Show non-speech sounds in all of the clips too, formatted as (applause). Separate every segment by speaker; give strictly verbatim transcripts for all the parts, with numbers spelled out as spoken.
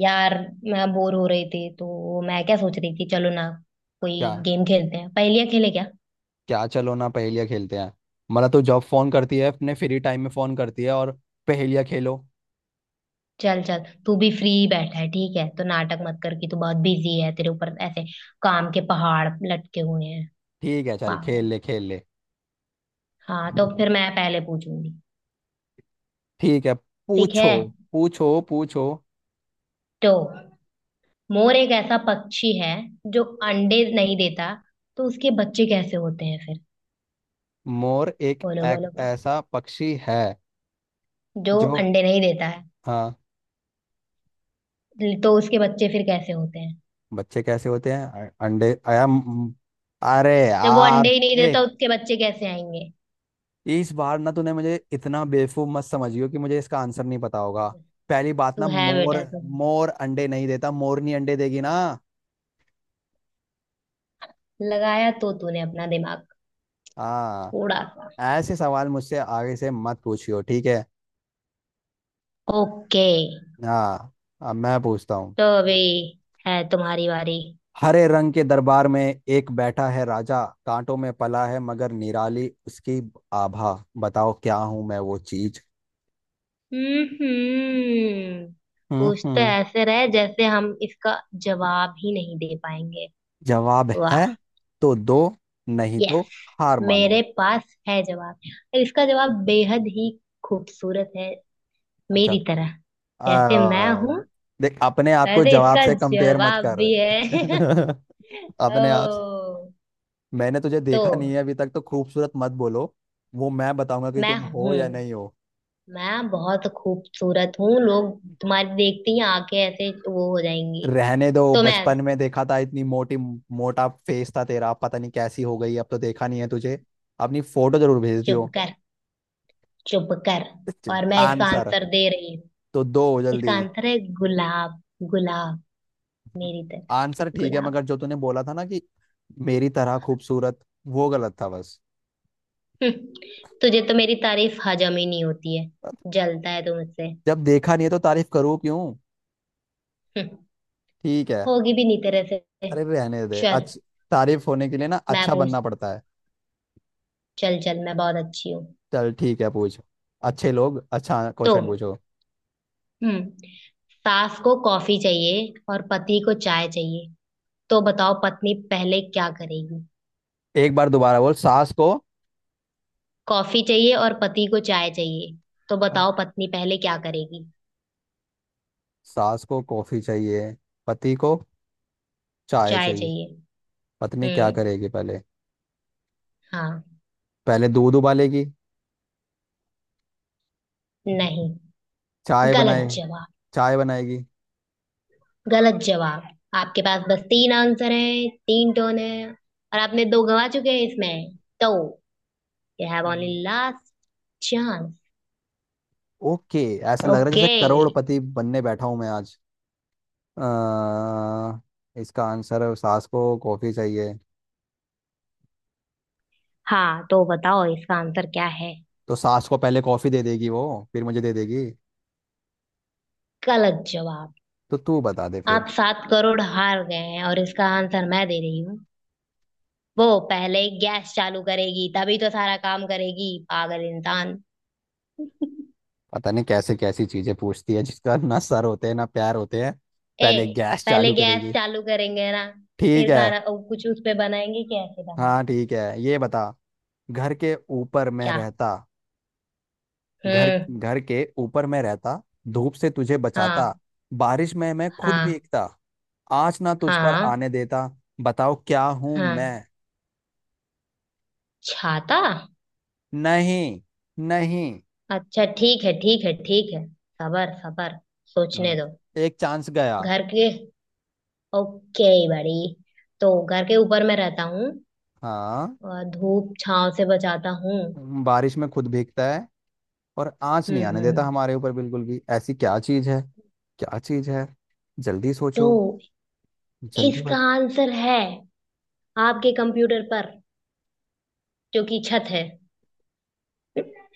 Speaker 1: यार, मैं बोर हो रही थी, तो मैं क्या सोच रही थी, चलो ना, कोई
Speaker 2: क्या
Speaker 1: गेम खेलते हैं, पहेलियां खेले क्या।
Speaker 2: क्या चलो ना पहेलियाँ खेलते हैं। मतलब, तू जब फोन करती है अपने फ्री टाइम में फोन करती है और पहेलियाँ खेलो।
Speaker 1: चल चल, तू भी फ्री बैठा है। ठीक है, तो नाटक मत कर कि तू बहुत बिजी है, तेरे ऊपर ऐसे काम के पहाड़ लटके हुए हैं।
Speaker 2: ठीक है, चल खेल
Speaker 1: पागल।
Speaker 2: ले खेल ले।
Speaker 1: हाँ, तो फिर मैं पहले पूछूंगी।
Speaker 2: ठीक है,
Speaker 1: ठीक है,
Speaker 2: पूछो पूछो पूछो।
Speaker 1: तो मोर एक ऐसा पक्षी है जो अंडे नहीं देता, तो उसके बच्चे कैसे होते हैं फिर?
Speaker 2: मोर एक,
Speaker 1: बोलो
Speaker 2: एक
Speaker 1: बोलो बोलो।
Speaker 2: ऐसा पक्षी है
Speaker 1: जो
Speaker 2: जो,
Speaker 1: अंडे नहीं देता
Speaker 2: हाँ,
Speaker 1: है, तो उसके बच्चे फिर कैसे होते हैं?
Speaker 2: बच्चे कैसे होते हैं अ- अंडे आया म- अरे
Speaker 1: जब वो
Speaker 2: यार।
Speaker 1: अंडे ही नहीं देता,
Speaker 2: एक,
Speaker 1: उसके बच्चे कैसे आएंगे?
Speaker 2: इस बार ना तूने मुझे इतना बेवकूफ मत समझियो कि मुझे इसका आंसर नहीं पता होगा। पहली बात
Speaker 1: तू
Speaker 2: ना
Speaker 1: है
Speaker 2: मोर
Speaker 1: बेटा, तू
Speaker 2: मोर अंडे नहीं देता, मोरनी अंडे देगी ना।
Speaker 1: लगाया तो तूने अपना दिमाग
Speaker 2: हाँ,
Speaker 1: थोड़ा सा।
Speaker 2: ऐसे सवाल मुझसे आगे से मत पूछियो, ठीक है।
Speaker 1: ओके।
Speaker 2: हाँ, अब मैं पूछता हूँ।
Speaker 1: तो अभी है तुम्हारी बारी।
Speaker 2: हरे रंग के दरबार में एक बैठा है राजा, कांटों में पला है मगर निराली उसकी आभा। बताओ क्या हूं मैं वो चीज।
Speaker 1: हम्म
Speaker 2: हम्म,
Speaker 1: कुछ तो
Speaker 2: हम्म।
Speaker 1: ऐसे रहे जैसे हम इसका जवाब ही नहीं दे पाएंगे।
Speaker 2: जवाब है
Speaker 1: वाह।
Speaker 2: तो दो, नहीं तो
Speaker 1: यस,
Speaker 2: हार मानो।
Speaker 1: मेरे पास है जवाब, और इसका जवाब बेहद ही खूबसूरत है,
Speaker 2: अच्छा,
Speaker 1: मेरी तरह। जैसे मैं
Speaker 2: आ,
Speaker 1: हूं
Speaker 2: देख अपने आप को
Speaker 1: वैसे
Speaker 2: जवाब
Speaker 1: इसका
Speaker 2: से कंपेयर मत
Speaker 1: जवाब भी
Speaker 2: कर।
Speaker 1: है। (laughs)
Speaker 2: (laughs) अपने आप से।
Speaker 1: ओ।
Speaker 2: मैंने तुझे
Speaker 1: तो
Speaker 2: देखा नहीं है अभी तक तो खूबसूरत मत बोलो। वो मैं बताऊंगा कि
Speaker 1: मैं
Speaker 2: तुम हो
Speaker 1: हूं,
Speaker 2: या नहीं हो।
Speaker 1: मैं बहुत खूबसूरत हूँ, लोग तुम्हारी देखते ही आंखें ऐसे वो हो जाएंगी।
Speaker 2: रहने दो,
Speaker 1: तो मैं।
Speaker 2: बचपन में देखा था, इतनी मोटी, मोटा फेस था तेरा, पता नहीं कैसी हो गई अब, तो देखा नहीं है तुझे। अपनी फोटो जरूर भेज
Speaker 1: चुप
Speaker 2: दियो।
Speaker 1: कर, चुप कर, और मैं इसका
Speaker 2: आंसर
Speaker 1: आंसर दे रही हूँ।
Speaker 2: तो दो
Speaker 1: इसका
Speaker 2: जल्दी।
Speaker 1: आंसर है गुलाब। गुलाब, मेरी तरह।
Speaker 2: आंसर ठीक है,
Speaker 1: गुलाब।
Speaker 2: मगर जो तूने बोला था ना कि मेरी तरह खूबसूरत, वो गलत था बस।
Speaker 1: हम्म, तुझे तो मेरी तारीफ हजम ही नहीं होती है, जलता है तू मुझसे।
Speaker 2: जब देखा नहीं है तो तारीफ करूँ क्यों।
Speaker 1: हम्म,
Speaker 2: ठीक है।
Speaker 1: होगी भी नहीं तेरे से।
Speaker 2: अरे रहने दे
Speaker 1: चल,
Speaker 2: अच्छ तारीफ होने के लिए ना
Speaker 1: मैं
Speaker 2: अच्छा
Speaker 1: पूछ
Speaker 2: बनना पड़ता है।
Speaker 1: चल चल, मैं बहुत अच्छी हूँ।
Speaker 2: चल ठीक है पूछ। अच्छे लोग अच्छा
Speaker 1: तो।
Speaker 2: क्वेश्चन पूछो।
Speaker 1: हम्म सास को कॉफी चाहिए और पति को चाय चाहिए, तो बताओ पत्नी पहले क्या करेगी?
Speaker 2: एक बार दोबारा बोल सास को।
Speaker 1: कॉफी चाहिए और पति को चाय चाहिए, तो बताओ पत्नी पहले क्या करेगी?
Speaker 2: सास को कॉफी चाहिए, पति को चाय
Speaker 1: चाय
Speaker 2: चाहिए।
Speaker 1: चाहिए।
Speaker 2: पत्नी क्या
Speaker 1: हम्म।
Speaker 2: करेगी पहले?
Speaker 1: हाँ।
Speaker 2: पहले दूध उबालेगी।
Speaker 1: नहीं।
Speaker 2: चाय बनाए।
Speaker 1: गलत जवाब।
Speaker 2: चाय बनाएगी।
Speaker 1: गलत जवाब। आपके पास बस तीन आंसर है, तीन टोन है, और आपने दो गवा चुके हैं इसमें तो। यू हैव
Speaker 2: हम्म।
Speaker 1: Only last chance.
Speaker 2: ओके। ऐसा लग रहा है जैसे
Speaker 1: ओके।
Speaker 2: करोड़पति बनने बैठा हूं मैं आज। अ, इसका आंसर, सास को कॉफी चाहिए,
Speaker 1: हाँ, तो बताओ इसका आंसर क्या है?
Speaker 2: तो सास को पहले कॉफी दे देगी वो, फिर मुझे दे देगी।
Speaker 1: गलत जवाब।
Speaker 2: तो तू बता दे फिर।
Speaker 1: आप सात करोड़ हार गए हैं, और इसका आंसर मैं दे रही हूँ। वो पहले गैस चालू करेगी, तभी तो सारा काम करेगी, पागल इंसान।
Speaker 2: पता नहीं कैसे कैसी चीजें पूछती है जिसका ना सर होते हैं ना पैर होते हैं।
Speaker 1: ए,
Speaker 2: पहले गैस
Speaker 1: पहले
Speaker 2: चालू
Speaker 1: गैस
Speaker 2: करेगी।
Speaker 1: चालू करेंगे ना,
Speaker 2: ठीक
Speaker 1: फिर
Speaker 2: है।
Speaker 1: खाना ओ, कुछ उस पे बनाएंगे, कैसे बन।
Speaker 2: हाँ ठीक है, ये बता। घर के ऊपर मैं
Speaker 1: क्या?
Speaker 2: रहता घर
Speaker 1: हम्म।
Speaker 2: घर के ऊपर मैं रहता, धूप से तुझे बचाता,
Speaker 1: हाँ,
Speaker 2: बारिश में मैं खुद
Speaker 1: हाँ,
Speaker 2: भीगता, आँच ना तुझ पर
Speaker 1: हाँ,
Speaker 2: आने देता। बताओ क्या हूं
Speaker 1: हाँ,
Speaker 2: मैं।
Speaker 1: छाता।
Speaker 2: नहीं, नहीं।
Speaker 1: अच्छा, ठीक है, ठीक है, ठीक है। सबर, सबर, सोचने
Speaker 2: हम्म,
Speaker 1: दो।
Speaker 2: एक चांस गया।
Speaker 1: घर के ओके, बड़ी। तो घर के ऊपर मैं रहता हूँ,
Speaker 2: हाँ,
Speaker 1: और धूप छांव से बचाता हूँ।
Speaker 2: बारिश में खुद भीगता है, और आँच नहीं
Speaker 1: हम्म,
Speaker 2: आने देता
Speaker 1: हम्म।
Speaker 2: हमारे ऊपर बिल्कुल भी। ऐसी क्या चीज है? क्या चीज है? जल्दी सोचो।
Speaker 1: तो
Speaker 2: जल्दी।
Speaker 1: इसका आंसर है, आपके कंप्यूटर पर जो कि छत है।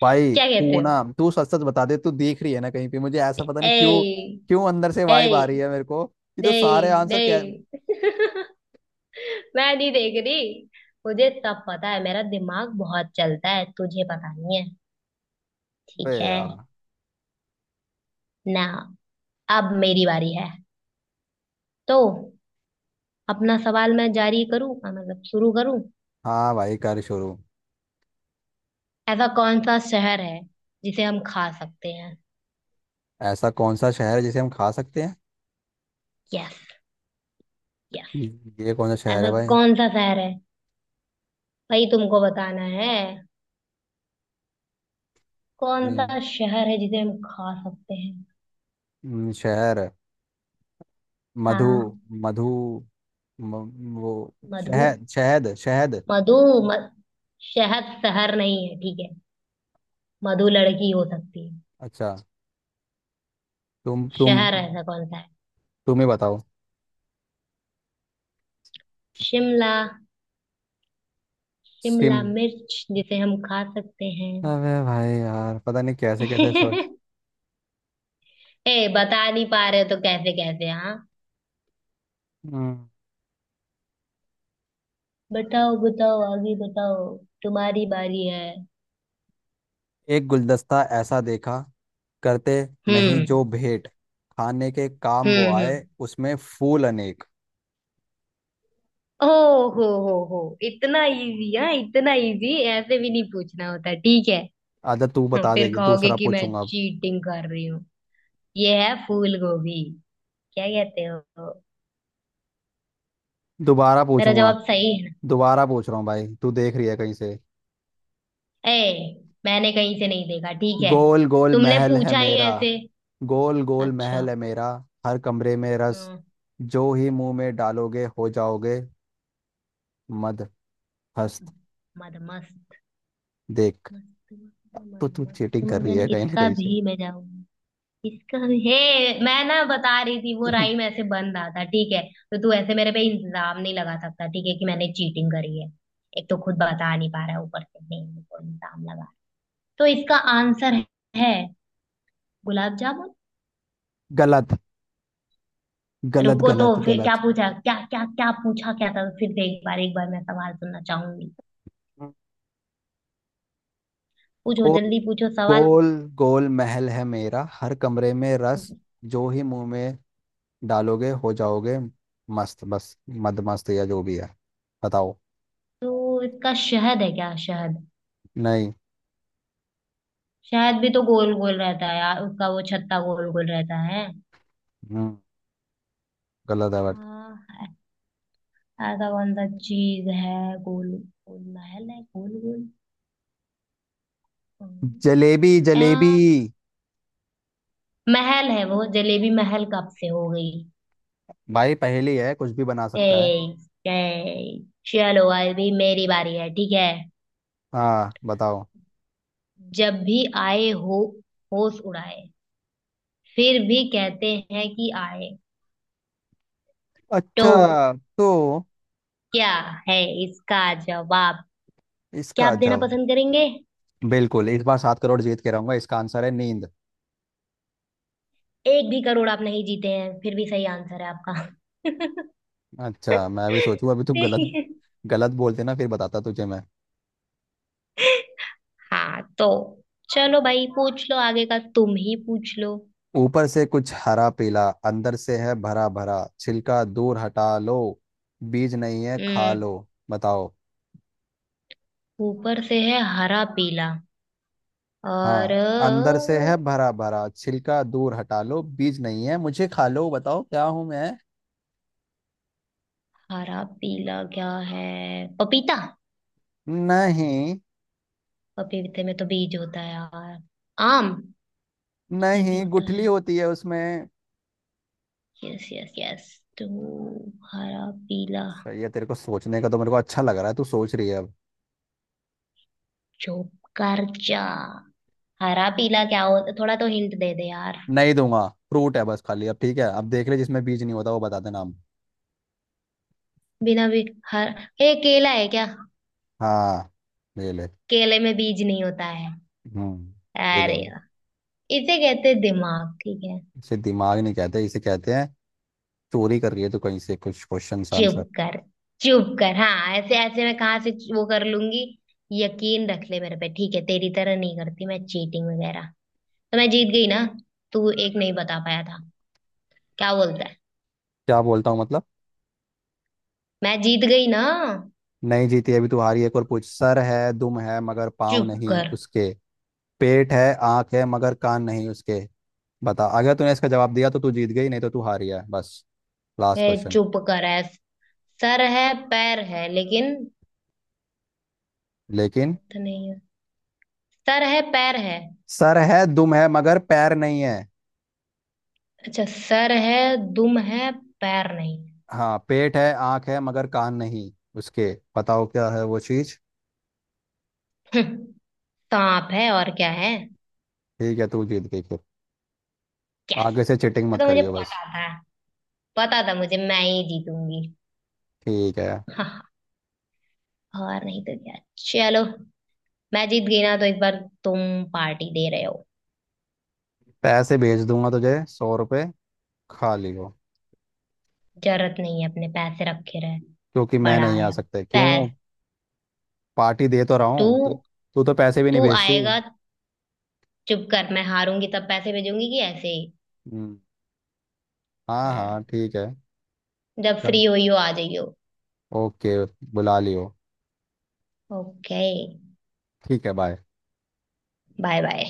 Speaker 2: भाई
Speaker 1: क्या कहते
Speaker 2: तू
Speaker 1: हो?
Speaker 2: ना, तू सच सच बता दे, तू देख रही है ना कहीं पे, मुझे ऐसा पता नहीं क्यों
Speaker 1: ए,
Speaker 2: क्यों अंदर से वाइब आ रही
Speaker 1: ए,
Speaker 2: है मेरे को कि तो सारे
Speaker 1: नहीं
Speaker 2: आंसर क्या।
Speaker 1: नहीं, मैं नहीं देख रही, मुझे सब पता है, मेरा दिमाग बहुत चलता है, तुझे पता नहीं है।
Speaker 2: बे
Speaker 1: ठीक है।
Speaker 2: यार।
Speaker 1: ना, अब मेरी बारी है। तो अपना सवाल मैं जारी करूं, अ, मतलब शुरू करूं।
Speaker 2: हाँ भाई, कर शुरू।
Speaker 1: ऐसा कौन सा शहर है जिसे हम खा सकते हैं?
Speaker 2: ऐसा कौन सा शहर है जिसे हम खा सकते हैं।
Speaker 1: Yes, yes.
Speaker 2: ये कौन सा शहर है
Speaker 1: ऐसा
Speaker 2: भाई?
Speaker 1: कौन सा शहर है, भाई, तुमको बताना है, कौन
Speaker 2: हम्म,
Speaker 1: सा शहर है जिसे हम खा सकते हैं?
Speaker 2: हम्म, शहर। मधु।
Speaker 1: हाँ।
Speaker 2: मधु म, वो,
Speaker 1: मधु।
Speaker 2: शहद, शहद, शहद।
Speaker 1: मधु। म, शहद शहर नहीं है, ठीक है, मधु लड़की हो सकती है।
Speaker 2: अच्छा, तुम तुम।
Speaker 1: शहर ऐसा कौन सा है?
Speaker 2: तुम ही बताओ।
Speaker 1: शिमला।
Speaker 2: सिम
Speaker 1: शिमला मिर्च, जिसे हम खा सकते हैं।
Speaker 2: अबे भाई यार, पता नहीं कैसे कैसे।
Speaker 1: (laughs) ए, बता नहीं पा रहे तो कैसे कैसे, हाँ।
Speaker 2: सोच।
Speaker 1: बताओ बताओ, आगे बताओ, तुम्हारी बारी है।
Speaker 2: एक गुलदस्ता ऐसा देखा, करते नहीं
Speaker 1: हम्म,
Speaker 2: जो भेंट, खाने के काम वो
Speaker 1: हम्म, हम्म।
Speaker 2: आए, उसमें फूल अनेक।
Speaker 1: ओ हो हो हो इतना इजी, हाँ, इतना इजी ऐसे भी नहीं पूछना होता, ठीक है।
Speaker 2: अच्छा तू
Speaker 1: (laughs)
Speaker 2: बता
Speaker 1: फिर
Speaker 2: देगी,
Speaker 1: कहोगे
Speaker 2: दूसरा
Speaker 1: कि मैं
Speaker 2: पूछूंगा अब।
Speaker 1: चीटिंग कर रही हूँ। ये है फूल गोभी। क्या कहते हो?
Speaker 2: दोबारा
Speaker 1: मेरा
Speaker 2: पूछूंगा।
Speaker 1: जवाब सही है ना?
Speaker 2: दोबारा पूछ रहा हूँ भाई, तू देख रही है कहीं से?
Speaker 1: ए, मैंने कहीं से नहीं देखा, ठीक है,
Speaker 2: गोल गोल
Speaker 1: तुमने
Speaker 2: महल है
Speaker 1: पूछा ही
Speaker 2: मेरा
Speaker 1: ऐसे।
Speaker 2: गोल गोल
Speaker 1: अच्छा।
Speaker 2: महल है मेरा, हर कमरे में रस,
Speaker 1: हम्म
Speaker 2: जो ही मुंह में डालोगे हो जाओगे मद हस्त।
Speaker 1: मद मस्त।
Speaker 2: देख।
Speaker 1: मस्त
Speaker 2: अब
Speaker 1: मगन, मन
Speaker 2: तो तू
Speaker 1: मस्त
Speaker 2: चीटिंग कर रही
Speaker 1: मगन,
Speaker 2: है कहीं ना
Speaker 1: इसका
Speaker 2: कहीं
Speaker 1: भी
Speaker 2: से।
Speaker 1: मैं जाऊं। इसका भी हे, मैं ना बता रही थी, वो
Speaker 2: (laughs)
Speaker 1: राइम ऐसे बन रहा था, ठीक है। तो तू ऐसे मेरे पे इल्जाम नहीं लगा सकता, ठीक है, कि मैंने चीटिंग करी है। एक तो खुद बता नहीं पा रहा है, ऊपर से नहीं, मेरे को इल्जाम लगा। तो इसका आंसर है गुलाब जामुन।
Speaker 2: गलत, गलत,
Speaker 1: रुको, तो
Speaker 2: गलत,
Speaker 1: फिर क्या
Speaker 2: गलत।
Speaker 1: पूछा, क्या क्या क्या पूछा, क्या था फिर से? एक बार, एक बार मैं सवाल सुनना चाहूंगी। पूछो
Speaker 2: गो
Speaker 1: जल्दी, पूछो सवाल।
Speaker 2: गोल गोल महल है मेरा, हर कमरे में रस, जो ही मुंह में डालोगे हो जाओगे मस्त बस, मद मस्त या जो भी है। बताओ।
Speaker 1: तो इसका शहद है क्या, शहद?
Speaker 2: नहीं।
Speaker 1: शहद भी तो गोल गोल रहता है यार, उसका वो छत्ता गोल गोल रहता है।
Speaker 2: हम्म, गलत है बट।
Speaker 1: हाँ, ऐ- ऐसा कौन सा चीज है, गोल गोल महल है, गोल गोल। हम्म,
Speaker 2: जलेबी, जलेबी।
Speaker 1: आ, महल है, वो जलेबी महल कब से हो गई?
Speaker 2: भाई, पहेली है, कुछ भी बना
Speaker 1: ए,
Speaker 2: सकता है।
Speaker 1: ए, चलो, अभी मेरी बारी है, ठीक है।
Speaker 2: हाँ बताओ।
Speaker 1: जब भी आए हो, होश उड़ाए, फिर भी कहते हैं कि आए, तो
Speaker 2: अच्छा, तो
Speaker 1: क्या है इसका जवाब? क्या आप
Speaker 2: इसका
Speaker 1: देना
Speaker 2: जवाब,
Speaker 1: पसंद करेंगे?
Speaker 2: बिल्कुल इस बार सात करोड़ जीत के रहूंगा। इसका आंसर है नींद।
Speaker 1: एक भी करोड़ आप नहीं जीते हैं, फिर भी सही आंसर है आपका।
Speaker 2: अच्छा, मैं भी सोचूं अभी, तू गलत,
Speaker 1: (laughs)
Speaker 2: गलत बोलते ना, फिर बताता तुझे मैं।
Speaker 1: हाँ, तो चलो भाई, पूछ लो आगे का, तुम ही पूछ लो।
Speaker 2: ऊपर से कुछ हरा पीला, अंदर से है भरा भरा, छिलका दूर हटा लो, बीज नहीं है खा
Speaker 1: हम्म।
Speaker 2: लो। बताओ।
Speaker 1: ऊपर से है हरा पीला, और
Speaker 2: हाँ, अंदर से है
Speaker 1: अ,
Speaker 2: भरा भरा, छिलका दूर हटा लो, बीज नहीं है मुझे खा लो, बताओ क्या हूं मैं।
Speaker 1: हरा पीला क्या है? पपीता?
Speaker 2: नहीं,
Speaker 1: पपीते में तो बीज होता है यार। आम। उसमें भी
Speaker 2: नहीं,
Speaker 1: होता
Speaker 2: गुठली
Speaker 1: है।
Speaker 2: होती है उसमें।
Speaker 1: Yes, yes, yes. तो हरा पीला,
Speaker 2: सही है तेरे को सोचने का, तो मेरे को अच्छा लग रहा है तू सोच रही है अब।
Speaker 1: जोकर जा, हरा पीला क्या होता, थोड़ा तो हिंट दे दे यार।
Speaker 2: नहीं दूंगा, फ्रूट है बस खाली। अब ठीक है, अब देख ले जिसमें बीज नहीं होता वो बता देना हम।
Speaker 1: बिना भी, हर, ए केला है क्या?
Speaker 2: हाँ, ले ले।
Speaker 1: केले में बीज नहीं होता है।
Speaker 2: हम्म, ले ले।
Speaker 1: अरे यार, इसे कहते हैं दिमाग, ठीक है।
Speaker 2: इसे दिमाग नहीं कहते, इसे कहते हैं चोरी कर रही है तो कहीं से कुछ क्वेश्चन आंसर।
Speaker 1: चुप कर, चुप कर, हाँ, ऐसे ऐसे मैं कहाँ से वो कर लूंगी, यकीन रख ले मेरे पे, ठीक है, तेरी तरह नहीं करती मैं चीटिंग वगैरह। तो मैं जीत गई ना, तू एक नहीं बता पाया था। क्या बोलता है?
Speaker 2: क्या बोलता हूँ मतलब?
Speaker 1: मैं जीत गई ना।
Speaker 2: नहीं जीती अभी तू, हारी। एक और पूछ। सर है, दुम है, मगर पाँव
Speaker 1: चुप
Speaker 2: नहीं
Speaker 1: कर,
Speaker 2: उसके। पेट है, आँख है, मगर कान नहीं उसके। बता, अगर तूने इसका जवाब दिया तो तू जीत गई, नहीं तो तू हारी है बस। लास्ट
Speaker 1: है,
Speaker 2: क्वेश्चन।
Speaker 1: चुप कर, है, सर है, पैर है, लेकिन
Speaker 2: लेकिन,
Speaker 1: हाथ नहीं है। सर है, पैर है।
Speaker 2: सर है, दुम है, मगर पैर नहीं है।
Speaker 1: अच्छा, सर है, दुम है, पैर नहीं
Speaker 2: हाँ, पेट है, आँख है, मगर कान नहीं उसके। बताओ क्या है वो चीज।
Speaker 1: है। (laughs) सांप है, और क्या है।
Speaker 2: ठीक है, तू जीत गई फिर।
Speaker 1: यस।
Speaker 2: आगे से चिटिंग मत
Speaker 1: तो मुझे
Speaker 2: करियो बस।
Speaker 1: पता था, पता था मुझे, मैं ही जीतूंगी।
Speaker 2: ठीक है,
Speaker 1: हाँ, और नहीं तो क्या। चलो, मैं जीत गई ना, तो इस बार तुम पार्टी दे रहे हो?
Speaker 2: पैसे भेज दूंगा तुझे सौ रुपये। खा लियो।
Speaker 1: जरूरत नहीं है, अपने पैसे रखे रहे।
Speaker 2: क्योंकि मैं
Speaker 1: बड़ा
Speaker 2: नहीं आ
Speaker 1: आया।
Speaker 2: सकता। क्यों?
Speaker 1: पैस
Speaker 2: पार्टी दे तो रहा
Speaker 1: तू
Speaker 2: हूँ, तू। तू तो पैसे भी
Speaker 1: तू
Speaker 2: नहीं भेजती।
Speaker 1: आएगा? चुप कर, मैं हारूंगी तब पैसे भेजूंगी, कि ऐसे ही।
Speaker 2: हम्म। हाँ,
Speaker 1: हाँ,
Speaker 2: हाँ, ठीक है।
Speaker 1: जब
Speaker 2: चल,
Speaker 1: फ्री हुई हो आ जाइयो।
Speaker 2: ओके, बुला लियो।
Speaker 1: ओके।
Speaker 2: ठीक है, बाय।
Speaker 1: Bye bye.